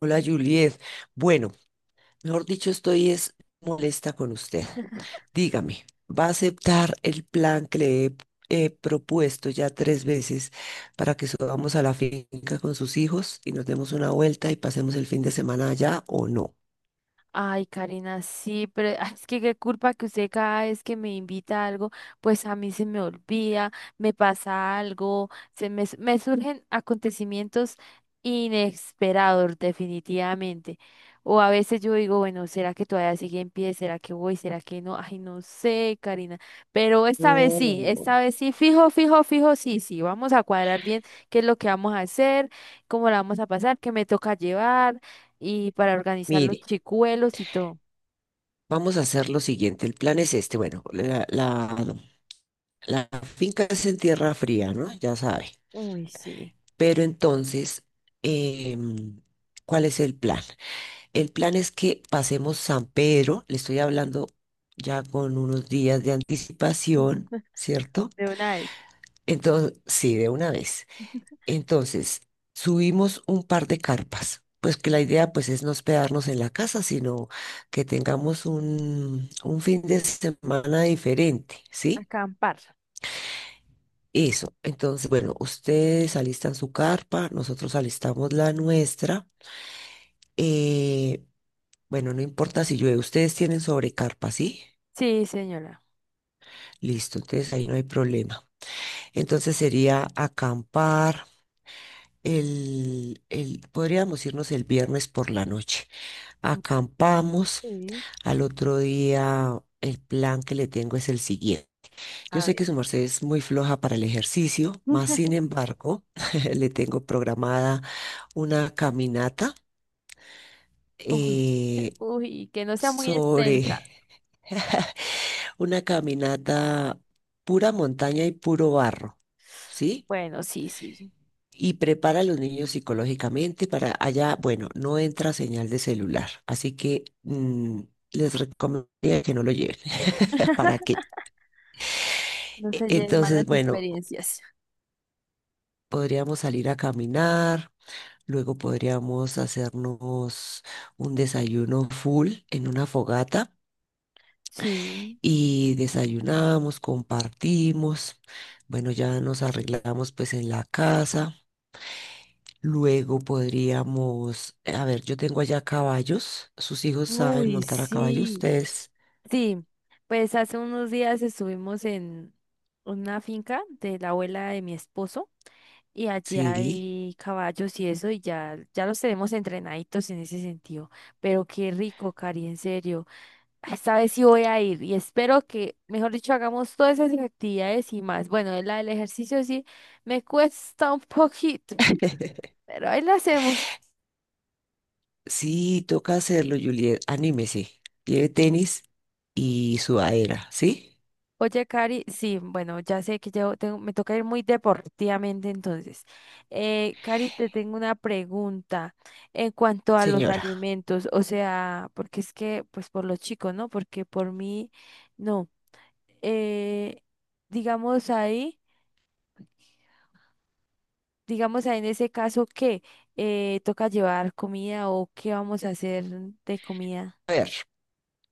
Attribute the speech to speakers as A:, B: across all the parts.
A: Hola, Juliet. Bueno, mejor dicho, estoy es molesta con usted. Dígame, ¿va a aceptar el plan que le he propuesto ya 3 veces para que subamos a la finca con sus hijos y nos demos una vuelta y pasemos el fin de semana allá o no?
B: Ay, Karina, sí, pero ay, es que qué culpa que usted cada vez que me invita a algo, pues a mí se me olvida, me pasa algo, me surgen acontecimientos inesperados, definitivamente. O a veces yo digo, bueno, ¿será que todavía sigue en pie? ¿Será que voy? ¿Será que no? Ay, no sé, Karina. Pero
A: No,
B: esta vez sí, fijo, fijo, fijo, sí, sí. Vamos a cuadrar bien qué es lo que vamos a hacer, cómo la vamos a pasar, qué me toca llevar y para organizar los
A: mire,
B: chicuelos y todo.
A: vamos a hacer lo siguiente. El plan es este. Bueno, la finca es en tierra fría, ¿no? Ya sabe.
B: Uy, sí.
A: Pero entonces, em, ¿cuál es el plan? El plan es que pasemos San Pedro, le estoy hablando ya con unos días de anticipación, ¿cierto?
B: De una vez,
A: Entonces, sí, de una vez. Entonces, subimos un par de carpas, pues que la idea pues es no hospedarnos en la casa, sino que tengamos un fin de semana diferente, ¿sí?
B: acampar.
A: Eso. Entonces, bueno, ustedes alistan su carpa, nosotros alistamos la nuestra. Eh, bueno, no importa si llueve, ustedes tienen sobrecarpa, ¿sí?
B: Sí, señora.
A: Listo, entonces ahí no hay problema. Entonces sería acampar podríamos irnos el viernes por la noche. Acampamos.
B: Sí,
A: Al otro día, el plan que le tengo es el siguiente. Yo
B: a
A: sé que su
B: ver.
A: merced es muy floja para el ejercicio, más sin embargo, le tengo programada una caminata
B: Uy,
A: eh,
B: uy, que no sea muy
A: sobre
B: extensa.
A: una caminata pura montaña y puro barro, ¿sí?
B: Bueno, sí, sí.
A: Y prepara a los niños psicológicamente para allá, bueno, no entra señal de celular, así que les recomendaría que no lo lleven. ¿Para qué?
B: No se lleven
A: Entonces,
B: malas
A: bueno,
B: experiencias.
A: podríamos salir a caminar, luego podríamos hacernos un desayuno full en una fogata
B: Sí.
A: y desayunamos, compartimos, bueno, ya nos arreglamos pues en la casa. Luego podríamos, a ver, yo tengo allá caballos. ¿Sus hijos saben
B: Uy,
A: montar a caballo
B: sí.
A: ustedes?
B: Sí, pues hace unos días estuvimos en una finca de la abuela de mi esposo. Y allí
A: Sí.
B: hay caballos y eso, y ya, ya los tenemos entrenaditos en ese sentido. Pero qué rico, Cari, en serio. Esta vez sí voy a ir y espero que, mejor dicho, hagamos todas esas actividades y más. Bueno, la del ejercicio sí me cuesta un poquito, pero ahí la hacemos.
A: Sí, toca hacerlo, Juliet. Anímese. Lleve tenis y sudadera, ¿sí?
B: Oye, Cari, sí, bueno, ya sé que yo tengo, me toca ir muy deportivamente entonces. Cari, te tengo una pregunta en cuanto a los
A: Señora.
B: alimentos, o sea, porque es que, pues por los chicos, ¿no? Porque por mí, no. Eh, digamos ahí, digamos ahí en ese caso, ¿qué? ¿Toca llevar comida o qué vamos a hacer de comida?
A: A ver.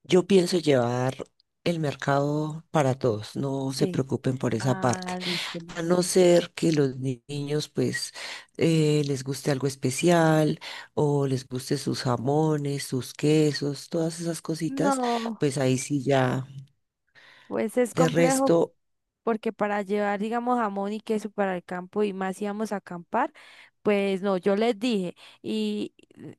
A: Yo pienso llevar el mercado para todos, no se
B: Sí.
A: preocupen por esa parte.
B: Ah, listo,
A: A
B: listo.
A: no ser que los niños pues les guste algo especial o les guste sus jamones, sus quesos, todas esas cositas,
B: No,
A: pues ahí sí ya.
B: pues es
A: De
B: complejo
A: resto,
B: porque para llevar, digamos, jamón y queso para el campo y más íbamos a acampar, pues no, yo les dije y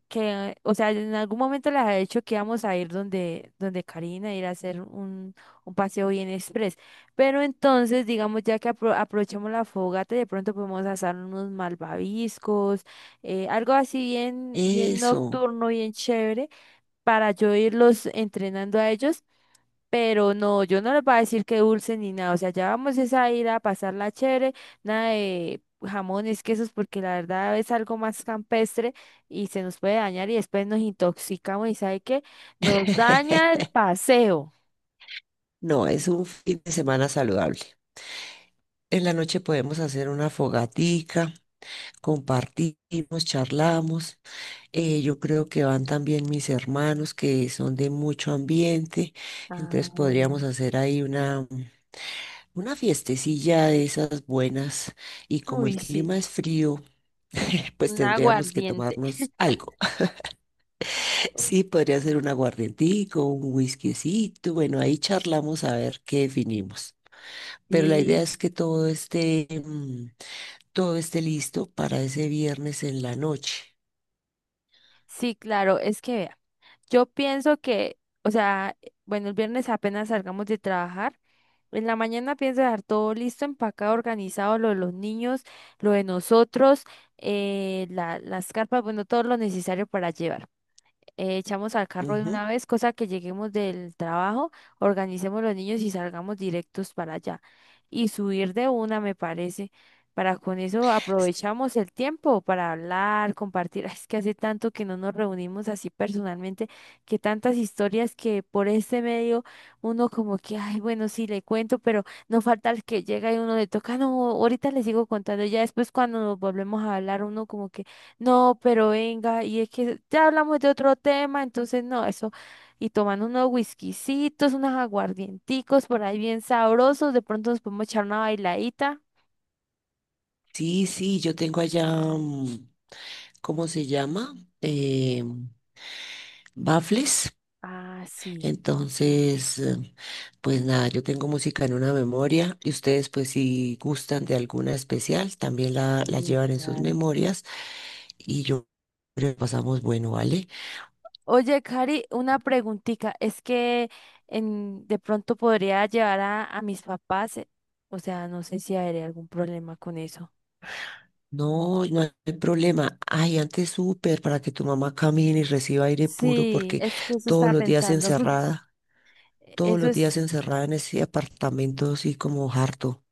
B: que, o sea, en algún momento les había dicho que íbamos a ir donde, Karina, ir a hacer un paseo bien express, pero entonces, digamos, ya que aprovechemos la fogata, de pronto podemos asar unos malvaviscos, algo así bien, bien
A: eso.
B: nocturno, bien chévere, para yo irlos entrenando a ellos pero no, yo no les voy a decir que dulce ni nada. O sea, ya vamos es a ir a pasarla chévere, nada de jamones, quesos, porque la verdad es algo más campestre y se nos puede dañar y después nos intoxicamos y ¿sabe qué? Nos daña el paseo.
A: No, es un fin de semana saludable. En la noche podemos hacer una fogatica, compartimos, charlamos. Yo creo que van también mis hermanos que son de mucho ambiente,
B: Ah,
A: entonces podríamos
B: bueno.
A: hacer ahí una fiestecilla de esas buenas y como el
B: Uy, sí.
A: clima es frío, pues
B: Un
A: tendríamos que
B: aguardiente.
A: tomarnos algo.
B: Uy,
A: Sí, podría ser un aguardientico, un whiskycito, bueno, ahí charlamos a ver qué definimos. Pero la idea
B: sí.
A: es que todo esté listo para ese viernes en la noche.
B: Sí, claro, es que vea, yo pienso que, o sea, bueno, el viernes apenas salgamos de trabajar. En la mañana pienso dejar todo listo, empacado, organizado, lo de los niños, lo de nosotros, las carpas, bueno, todo lo necesario para llevar echamos al carro de
A: Ujú.
B: una vez, cosa que lleguemos del trabajo, organicemos los niños y salgamos directos para allá. Y subir de una, me parece, para con eso
A: S-
B: aprovechamos el tiempo para hablar, compartir. Ay, es que hace tanto que no nos reunimos así personalmente, que tantas historias que por este medio uno como que, ay, bueno, sí le cuento, pero no falta el que llega y uno le toca, no, ahorita le sigo contando. Ya después cuando nos volvemos a hablar, uno como que no, pero venga, y es que ya hablamos de otro tema, entonces no, eso, y tomando unos whiskycitos, unos aguardienticos por ahí bien sabrosos, de pronto nos podemos echar una bailadita.
A: Sí, sí, yo tengo allá, ¿cómo se llama? Eh, bafles.
B: Ah, sí,
A: Entonces, pues nada, yo tengo música en una memoria y ustedes pues si gustan de alguna especial, también la
B: sí,
A: llevan en sus
B: claro.
A: memorias y yo creo que pasamos bueno, ¿vale?
B: Oye, Cari, una preguntita, es que en, de pronto podría llevar a mis papás, o sea, no sé si habría algún problema con eso.
A: No, no hay problema. Ay, antes súper para que tu mamá camine y reciba aire puro
B: Sí,
A: porque
B: es que eso
A: todos
B: estaba
A: los días
B: pensando.
A: encerrada, todos
B: Eso
A: los días
B: es
A: encerrada en ese apartamento así como harto.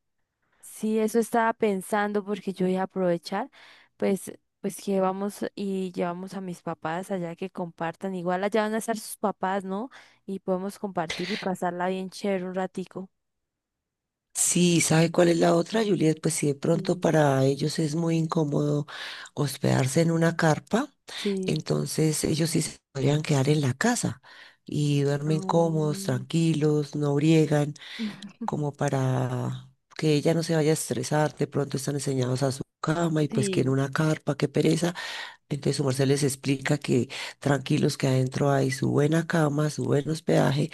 B: sí, eso estaba pensando porque yo iba a aprovechar, pues, pues que vamos y llevamos a mis papás allá que compartan. Igual allá van a estar sus papás, ¿no? Y podemos compartir y pasarla bien chévere un ratico.
A: Sí, ¿sabe cuál es la otra, Juliet? Pues si de pronto
B: Sí,
A: para ellos es muy incómodo hospedarse en una carpa,
B: sí.
A: entonces ellos sí se podrían quedar en la casa y duermen cómodos,
B: um,
A: tranquilos, no briegan, como para que ella no se vaya a estresar. De pronto están enseñados a su cama y pues quieren
B: sí,
A: una carpa, qué pereza. Entonces su merced les explica que tranquilos que adentro hay su buena cama, su buen hospedaje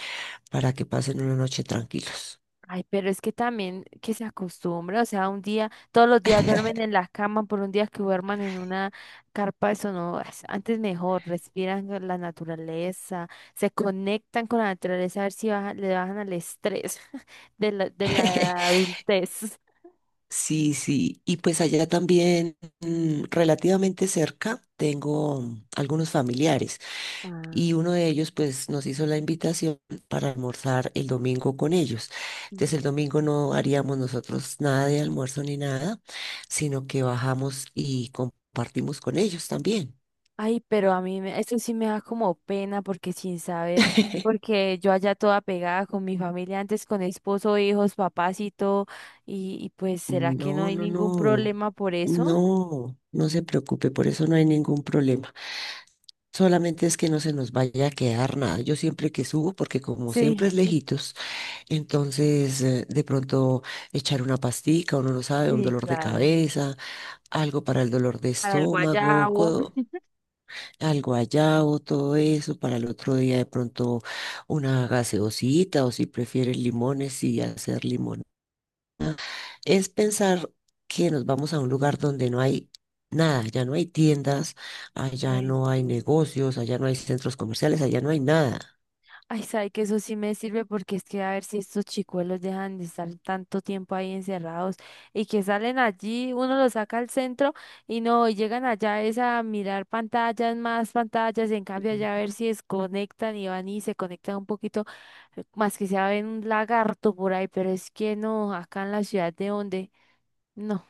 A: para que pasen una noche tranquilos.
B: ay, pero es que también que se acostumbra, o sea, un día, todos los días duermen en la cama, por un día que duerman en una carpa, eso no, es- antes mejor, respiran con la naturaleza, se conectan con la naturaleza, a ver si le bajan al estrés de la adultez.
A: Sí, sí, y pues allá también relativamente cerca tengo algunos familiares. Y
B: Ah.
A: uno de ellos pues nos hizo la invitación para almorzar el domingo con ellos. Entonces el domingo no haríamos nosotros nada de almuerzo ni nada, sino que bajamos y compartimos con ellos también.
B: Ay, pero a mí me- eso sí me da como pena porque sin saber, porque yo allá toda pegada con mi familia antes, con esposo, hijos, papás y todo, y pues ¿será que no
A: No,
B: hay
A: no,
B: ningún
A: no,
B: problema por eso?
A: no, no se preocupe, por eso no hay ningún problema. Solamente es que no se nos vaya a quedar nada. Yo siempre que subo, porque como siempre es
B: Sí,
A: lejitos, entonces de pronto echar una pastica, uno no sabe, un
B: sí,
A: dolor de
B: claro.
A: cabeza algo para el dolor de
B: Para el
A: estómago,
B: guayabo.
A: algo allá o todo eso, para el otro día de pronto una gaseosita o si prefieres limones y hacer limón. Es pensar que nos vamos a un lugar donde no hay nada, ya no hay tiendas, allá
B: Ay,
A: no hay
B: sí.
A: negocios, allá no hay centros comerciales, allá no hay nada.
B: Ay, sabe que eso sí me sirve porque es que a ver si estos chicuelos dejan de estar tanto tiempo ahí encerrados y que salen allí, uno los saca al centro y no y llegan allá es a mirar pantallas, más pantallas, en cambio allá a ver si desconectan y van y se conectan un poquito, más que sea ven un lagarto por ahí, pero es que no, acá en la ciudad de donde, no.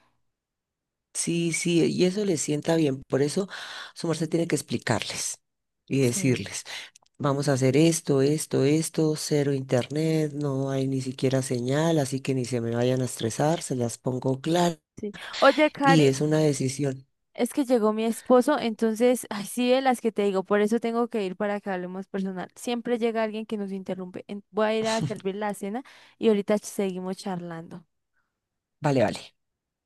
A: Sí, sí, y eso les sienta bien, por eso su merced tiene que explicarles y
B: Sí.
A: decirles. Vamos a hacer esto, esto, esto, cero internet, no hay ni siquiera señal, así que ni se me vayan a estresar, se las pongo claras
B: Sí. Oye,
A: y
B: Cari,
A: es una decisión.
B: es que llegó mi esposo, entonces, ay, sí, de las que te digo, por eso tengo que ir para que hablemos personal. Siempre llega alguien que nos interrumpe. En- voy a ir a servir la cena y ahorita seguimos charlando.
A: Vale, vale.